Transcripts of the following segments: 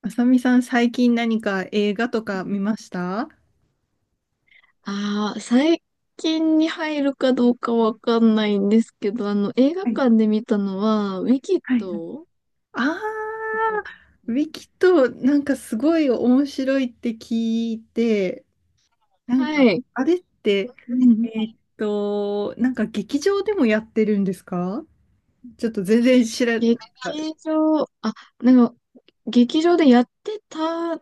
あさみさん、最近何か映画とか見ましたはああ、最近に入るかどうかわかんないんですけど、映画い館で見たのは、ウィキッはいはい。ド、あわかりまー、ウす。ィキとなんかすごい面白いって聞いて、なんはか、い。あれって、うん。なんか劇場でもやってるんですか？ちょっと全然知らない。劇場、劇場でやってた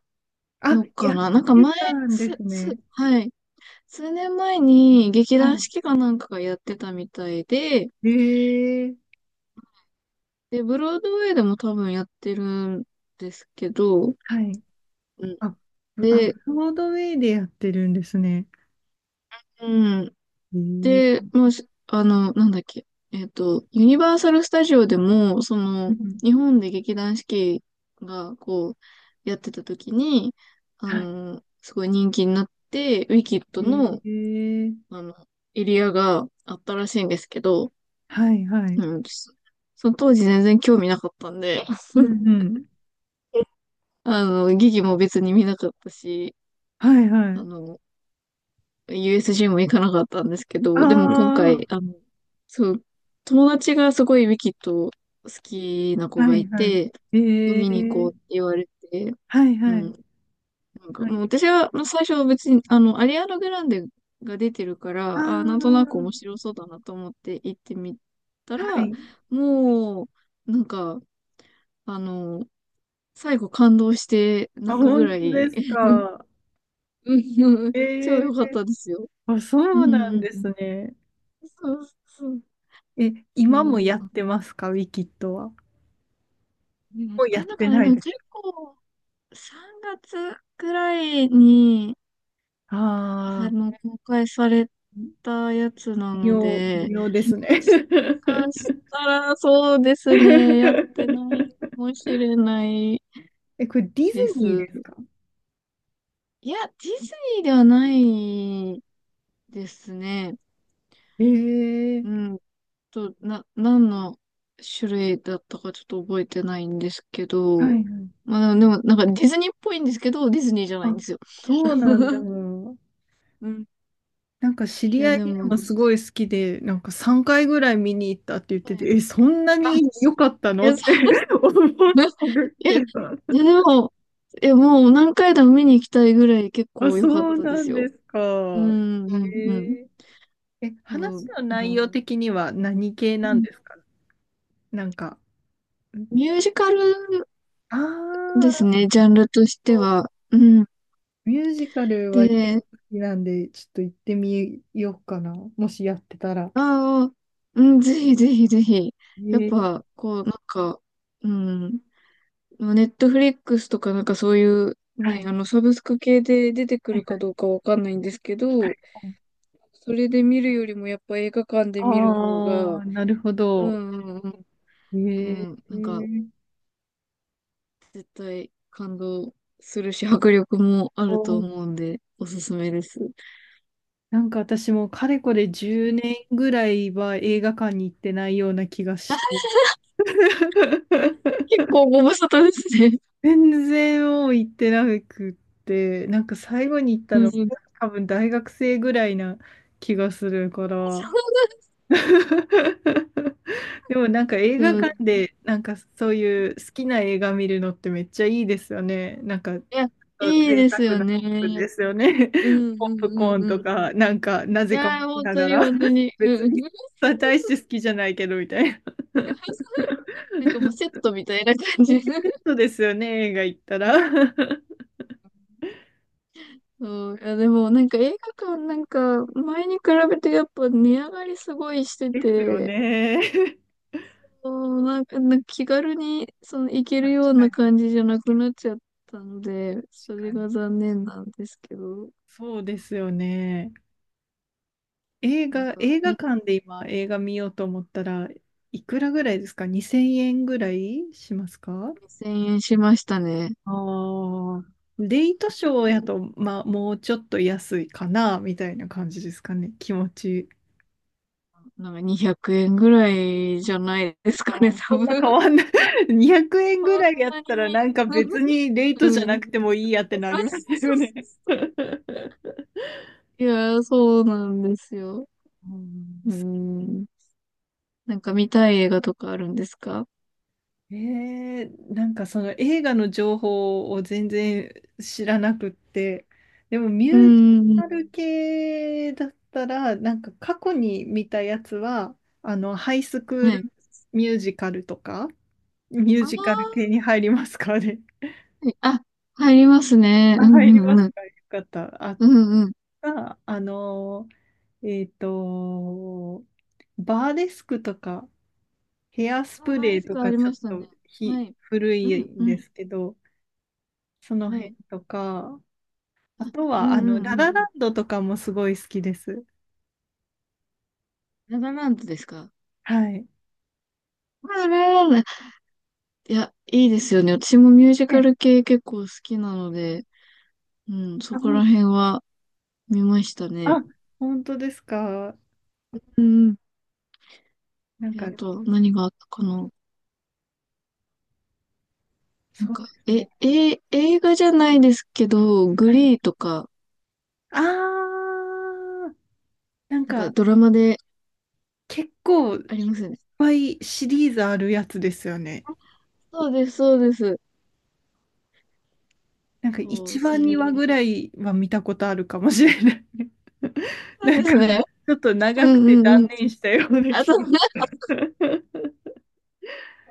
あ、のやかっな。なんかて前、たんですね。はい。数年前に劇は団い。四季かなんかがやってたみたいで、へえ、で、ブロードウェイでも多分やってるんですけど、はい。うん。あ、で、ブロードウェイでやってるんですね。うん。へえ、で、もうしなんだっけ。ユニバーサル・スタジオでも、うん、日本で劇団四季が、やってた時に、はい。すごい人気になって、ウィキッドへの、え、あの、エリアがあったらしいんですけど、はい、はい。うん、その当時全然興味なかったんで、う んうん。劇も別に見なかったし、はいはあい。の、USG も行かなかったんですけあど、でも今あ、回、そう、友達がすごいウィキッド好きな子はがいいはい。て、え見に行こうってえ、言われて、はいうはん、い。なんかはい。もう私はまあ最初は別に、アリアーナ・グランデが出てるかあら、なんとなく面あ、白そうだなと思って行ってみたはら、い。もう、なんか、あの、最後感動してあ、泣くぐ本ら当でい、す か？うん、超ええ、良かったですよ。あ、そうんううんなんうん。ですね。そうそうえ、そ今もう、やってますか、ウィキッドは？やっもうやてっんのてかな、なでいもです。結構、3月くらいに、はあああ、の、公開され微たやつなの妙、微で、妙ですね。もしかし たらそうですね、やってないかもしれないえ、これディズでニーす。ですか？いや、ディズニーではないですね。えうえ、ん、何の種類だったかちょっと覚えてないんですけはいはど、い。まあでも、なんかディズニーっぽいんですけど、ディズニーじゃないあ、んですよ。そうなんだ。うん。なんか知いりや、合でいも、もすごい好きで、なんか3回ぐらい見に行ったって言ってはて、い、え、そんなあ、に良かったいのっや、て そ 思っう、いたんですや、けど。いや でも、いや、もう何回でも見に行きたいぐらい結あ、構良かっそうたでなすんよ。ですうか。ん、うん、うん。えー、え、うん、話のう内ん、容的には何系なんですか？なんか、ミュージカルあですあね、ジャンルとしてー、は。うん。ミュージカルは結構で、好きなんで、ちょっと行ってみようかな。もしやってたら。ああ、うん、ぜひぜひぜひ。えやっー、ぱ、なんか、うん、ネットフリックスとかなんかそういう、はね、い。サブスク系で出てくはいるかはい。どうかわかんないんですけど、それで見るよりもやっぱ映画館で見る方あが、あー、なるほうど。んうんへうえ、ん、うん、なんか絶対感動するし、迫力もあると思うんで、おすすめです。なんか私もかれこれ10年ぐらいは映画館に行ってないような気がして。結構ご無沙汰ですね。全然もう行ってなくって、なんか最後に行ったうんのう多分大学生ぐらいな気がするから。そ でもなんか映画う、館でなんかそういう好きな映画見るのってめっちゃいいですよね。なんかいや、といい贅です沢よな気分ね。ですよね。う んポうップんうコーんンうとん。いか、なんか、なぜか持やー、ち本な当がにら、本当に。う別んうん。に、大して 好きじゃないけど、みたいな。なんかもうセットみたいな感じ。そうですよね、映画行ったら。そう。いや、でもなんか映画館、なんか前に比べてやっぱ値上がりすごいしてですよて、ね。そう、なんか、なんか気軽にその行ける確ようかなに、感じじゃなくなっちゃったので、そ確かれに。が残念なんですけど、そうですよね。なんか映画み館で今、映画見ようと思ったらいくらぐらいですか？ 2000 円ぐらいしますか？2000円しましたね。ああ、レイトシうョーん、やと、まあ、もうちょっと安いかな、みたいな感じですかね、気持ち。なんか200円ぐらいじゃないですかあね、ー、多そん分。な変なんわんなかい。200円ぐそんらいやっなたら、なに。んか別にレイうトじゃん。なくいてもいいやってなりますよね。やー、そうなんですよ。うん、うん。なんか見たい映画とかあるんですか？えー、なんかその映画の情報を全然知らなくって、でもミうュージん。カル系だったら、なんか過去に見たやつは、あの、ハイスクーはい。ルミュージカルとか、ミュージカあル系に入りますかね。あ、入りますね。あ、うん入りまうんすうん。か。よかった。あ、うんうん。あ、ーえっと、バーデスクとか、ヘアスあ、プバレリーフとクあか、りちょまっしたね。とはい。古ういんんうでん。すけど、そのは辺い。とか、あとうんは、あうの、ラんうラん。ランドとかもすごい好きです。ララランドですか？はい。ララランド。いや、いいですよね。私もミュージカえ、ル系結構好きなので、うん、そあ、こら辺は見ましたね。あ、本当ですか？うん、なんか、あと、何があったかな。なんそうでか、すね。映画じゃないですけど、グはい。リーとか、あー、なんなんかか、ドラマで結構、いあっりますよね。ぱいシリーズあるやつですよね。そうです、そうです。なんか、そう、一話、そ2れ。話ぐらいは見たことあるかもしれない。なんなでんか、すね。ちょっと長うくんてうんう断ん。念したようなあ、気そが。う。い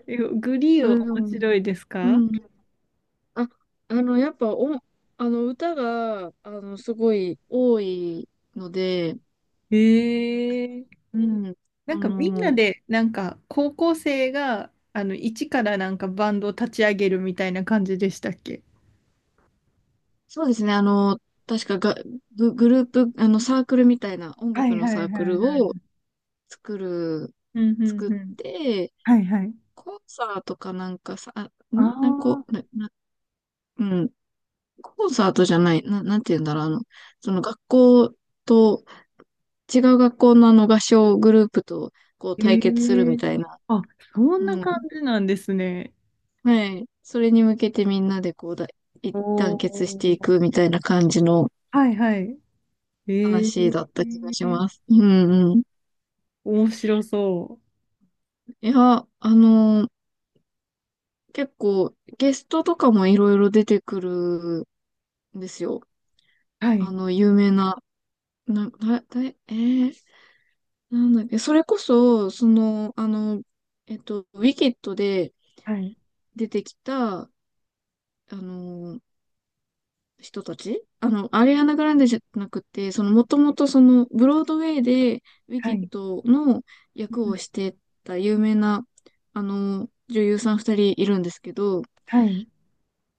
え、グリーや、ンはで面も、白いですうか？ん。あ、やっぱ、歌が、すごい多いので、ええ、うん。なんあかみんなの、で、なんか高校生が、あの、一からなんかバンドを立ち上げるみたいな感じでしたっけ？そうですね。確かが、グループ、サークルみたいな、音は楽いのはいはサいークルはをい。作るうんう作んっうん。て、はいはい。コンサートかなんかさ、あなんかこあ、う、うん、コンサートじゃない、なんて言うんだろう、その学校と、違う学校のあの合唱グループと、こうえ対決するみえ、たいな。あ、そんうなん。感じなんですね。はい。それに向けてみんなでこうだ、一お団結していくみお。たいな感じのはいはい。え話だっえ、た気がします。うんうん。面白そいや、あのー結構ゲストとかもいろいろ出てくるんですよ。う。はい。有名な、な、だ、だ、えー、なんだっけ、それこそ、ウィキッドではい出てきた、の、人たち、アリアナ・グランデじゃなくて、その、もともとその、ブロードウェイでウィはキッい ドの 役をしてた有名な、女優さん二人いるんですけど、はい。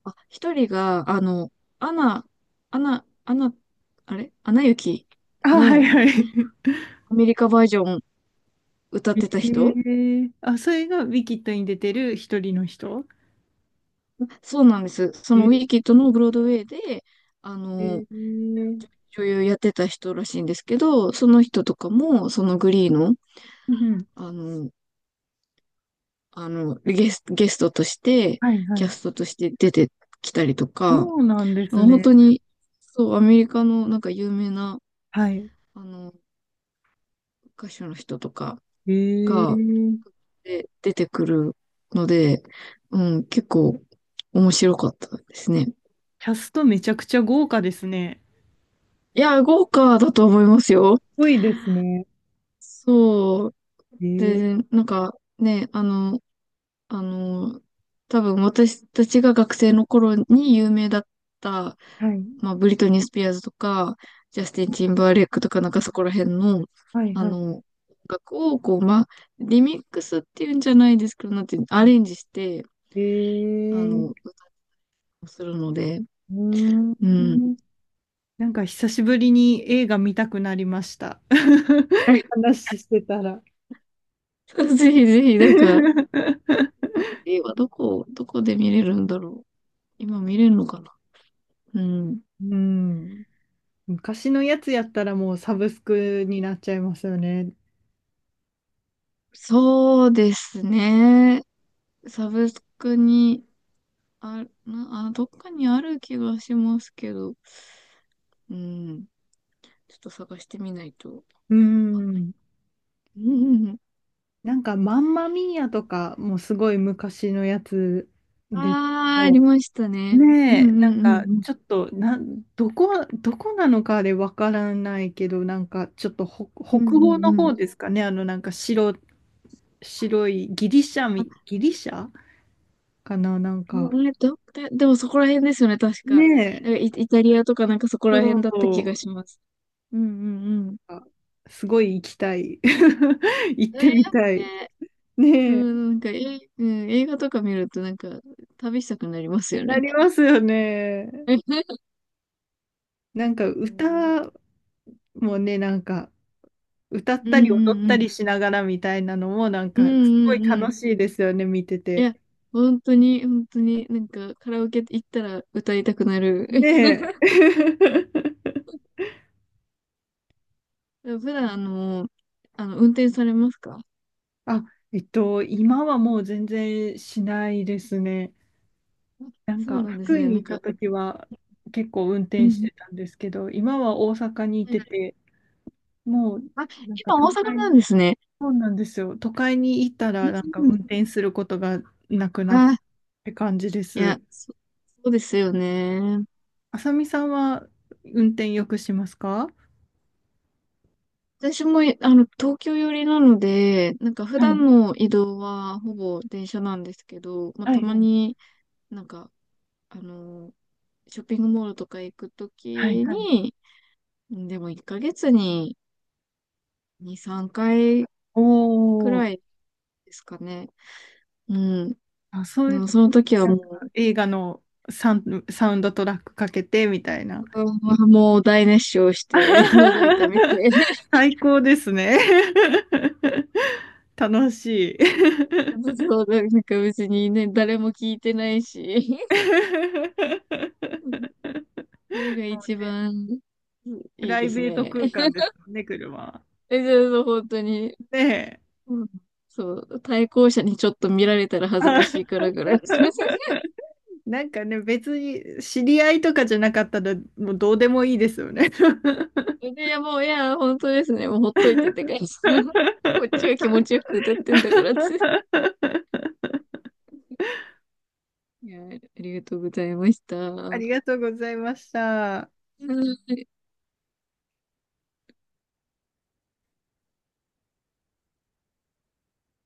あ、一人が、アナ、アナ、あれアナ雪あ、はいのはい。アメリカバージョン歌ってた 人。ええ、あ、それがウィキッドに出てる一人の人？そうなんです。そのウィキッドのブロードウェイで、あえの、え、うん女優やってた人らしいんですけど、その人とかも、そのグリーの、うん。あの、ゲストとして、はいはキャい。ストとして出てきたりとそか、うなんでますあ本ね。当に、そう、アメリカのなんか有名な、はい。あの、歌手の人とかええ、が、キ出てくるので、うん、結構面白かったですね。ャストめちゃくちゃ豪華ですね。いや、豪華だと思いますよ。すごいですね。そう。えで、え、なんかね、あの、多分私たちが学生の頃に有名だった、はい。まあ、ブリトニー・スピアーズとか、ジャスティン・ティンバーレイクとか、なんかそこら辺の、はいはい音楽を、こう、まあ、リミックスっていうんじゃないですけど、なんていうの、はアい。レンジして、ええ、歌をするので、うーうん。ん。なんか久しぶりに映画見たくなりました。話してたら。ぜひぜひ、なんか、映画どこ、どこで見れるんだろう。今見れるのかな。うん。うん。昔のやつやったらもうサブスクになっちゃいますよね。そうですね。サブスクに、あ、どっかにある気がしますけど、うん、ちょっと探してみないとわうかんない。ん。うんうんうん。なんか、マンマミーアとかもすごい昔のやつですけああ、ありど、ましたね。うんねえ、なうんんうんか、うん。ちょっと、な、どこなのかでわからないけど、なんか、ちょっとうん北う欧のんうん。方ですかね、あの、なんか白いあ、ギリシャかな、なんか、えど、だ、でもそこら辺ですよね、確か。ねえ、イタリアとかなんかそこそら辺だった気がう、します。うんうんうん。あ、すごい行きたい。行っえてみたー、い。ね。うねえ、ん、なんか、うん、映画とか見るとなんか、旅したくなりますよなね。りますよね。なんか、うん歌もね、なんか、歌っうたり踊っんうたりんしながらみたいなのもなんうんかすごういんうん。楽しいですよね、見ていて。や、本当に、本当に、なんか、カラオケ行ったら歌いたくなる。ねえ。普段、運転されますか？あ、今はもう全然しないですね。なんそうかなんです福井ね。になんいたか、時は結構運う転しん。てたんですけど、今は大阪にいなんてか、て、もうあ、なんか今都大阪会なんに、ですね。そうなんですよ。都会に行ったうらんなんかうん。運転することがなくなっあ、て感じでいや、す。そ、そうですよね。あさみさんは運転よくしますか？私も、東京寄りなので、なんか普は段い。の移動はほぼ電車なんですけど、まあ、はたいまはいになんか、あの、ショッピングモールとか行くとはいきはい。に、でも1ヶ月に2、3回くおー。らいですかね。うん。あ、そうでいうもそ時のに時はなんもかう、映画のサウンドトラックかけてみたいな。うん、もう大熱唱して、喉痛めて。最高ですね。楽しい。そう、なんか別にね、誰も聞いてないし。それが一 番プいいラでイすベートね。空間 ですもんね、車は。え、じゃあ、本当に、ねうん、そう、対向車にちょっと見られたらえ。恥ずかしいからぐらい。なんかね、別に知り合いとかじゃなかったら、もうどうでもいいですよね。いや、もう、いや、本当ですね。もうほっといてって感じ。こっちは気持ちよ く歌ってんだからって。いや、ありがとうございました。あうりがとうございました。ん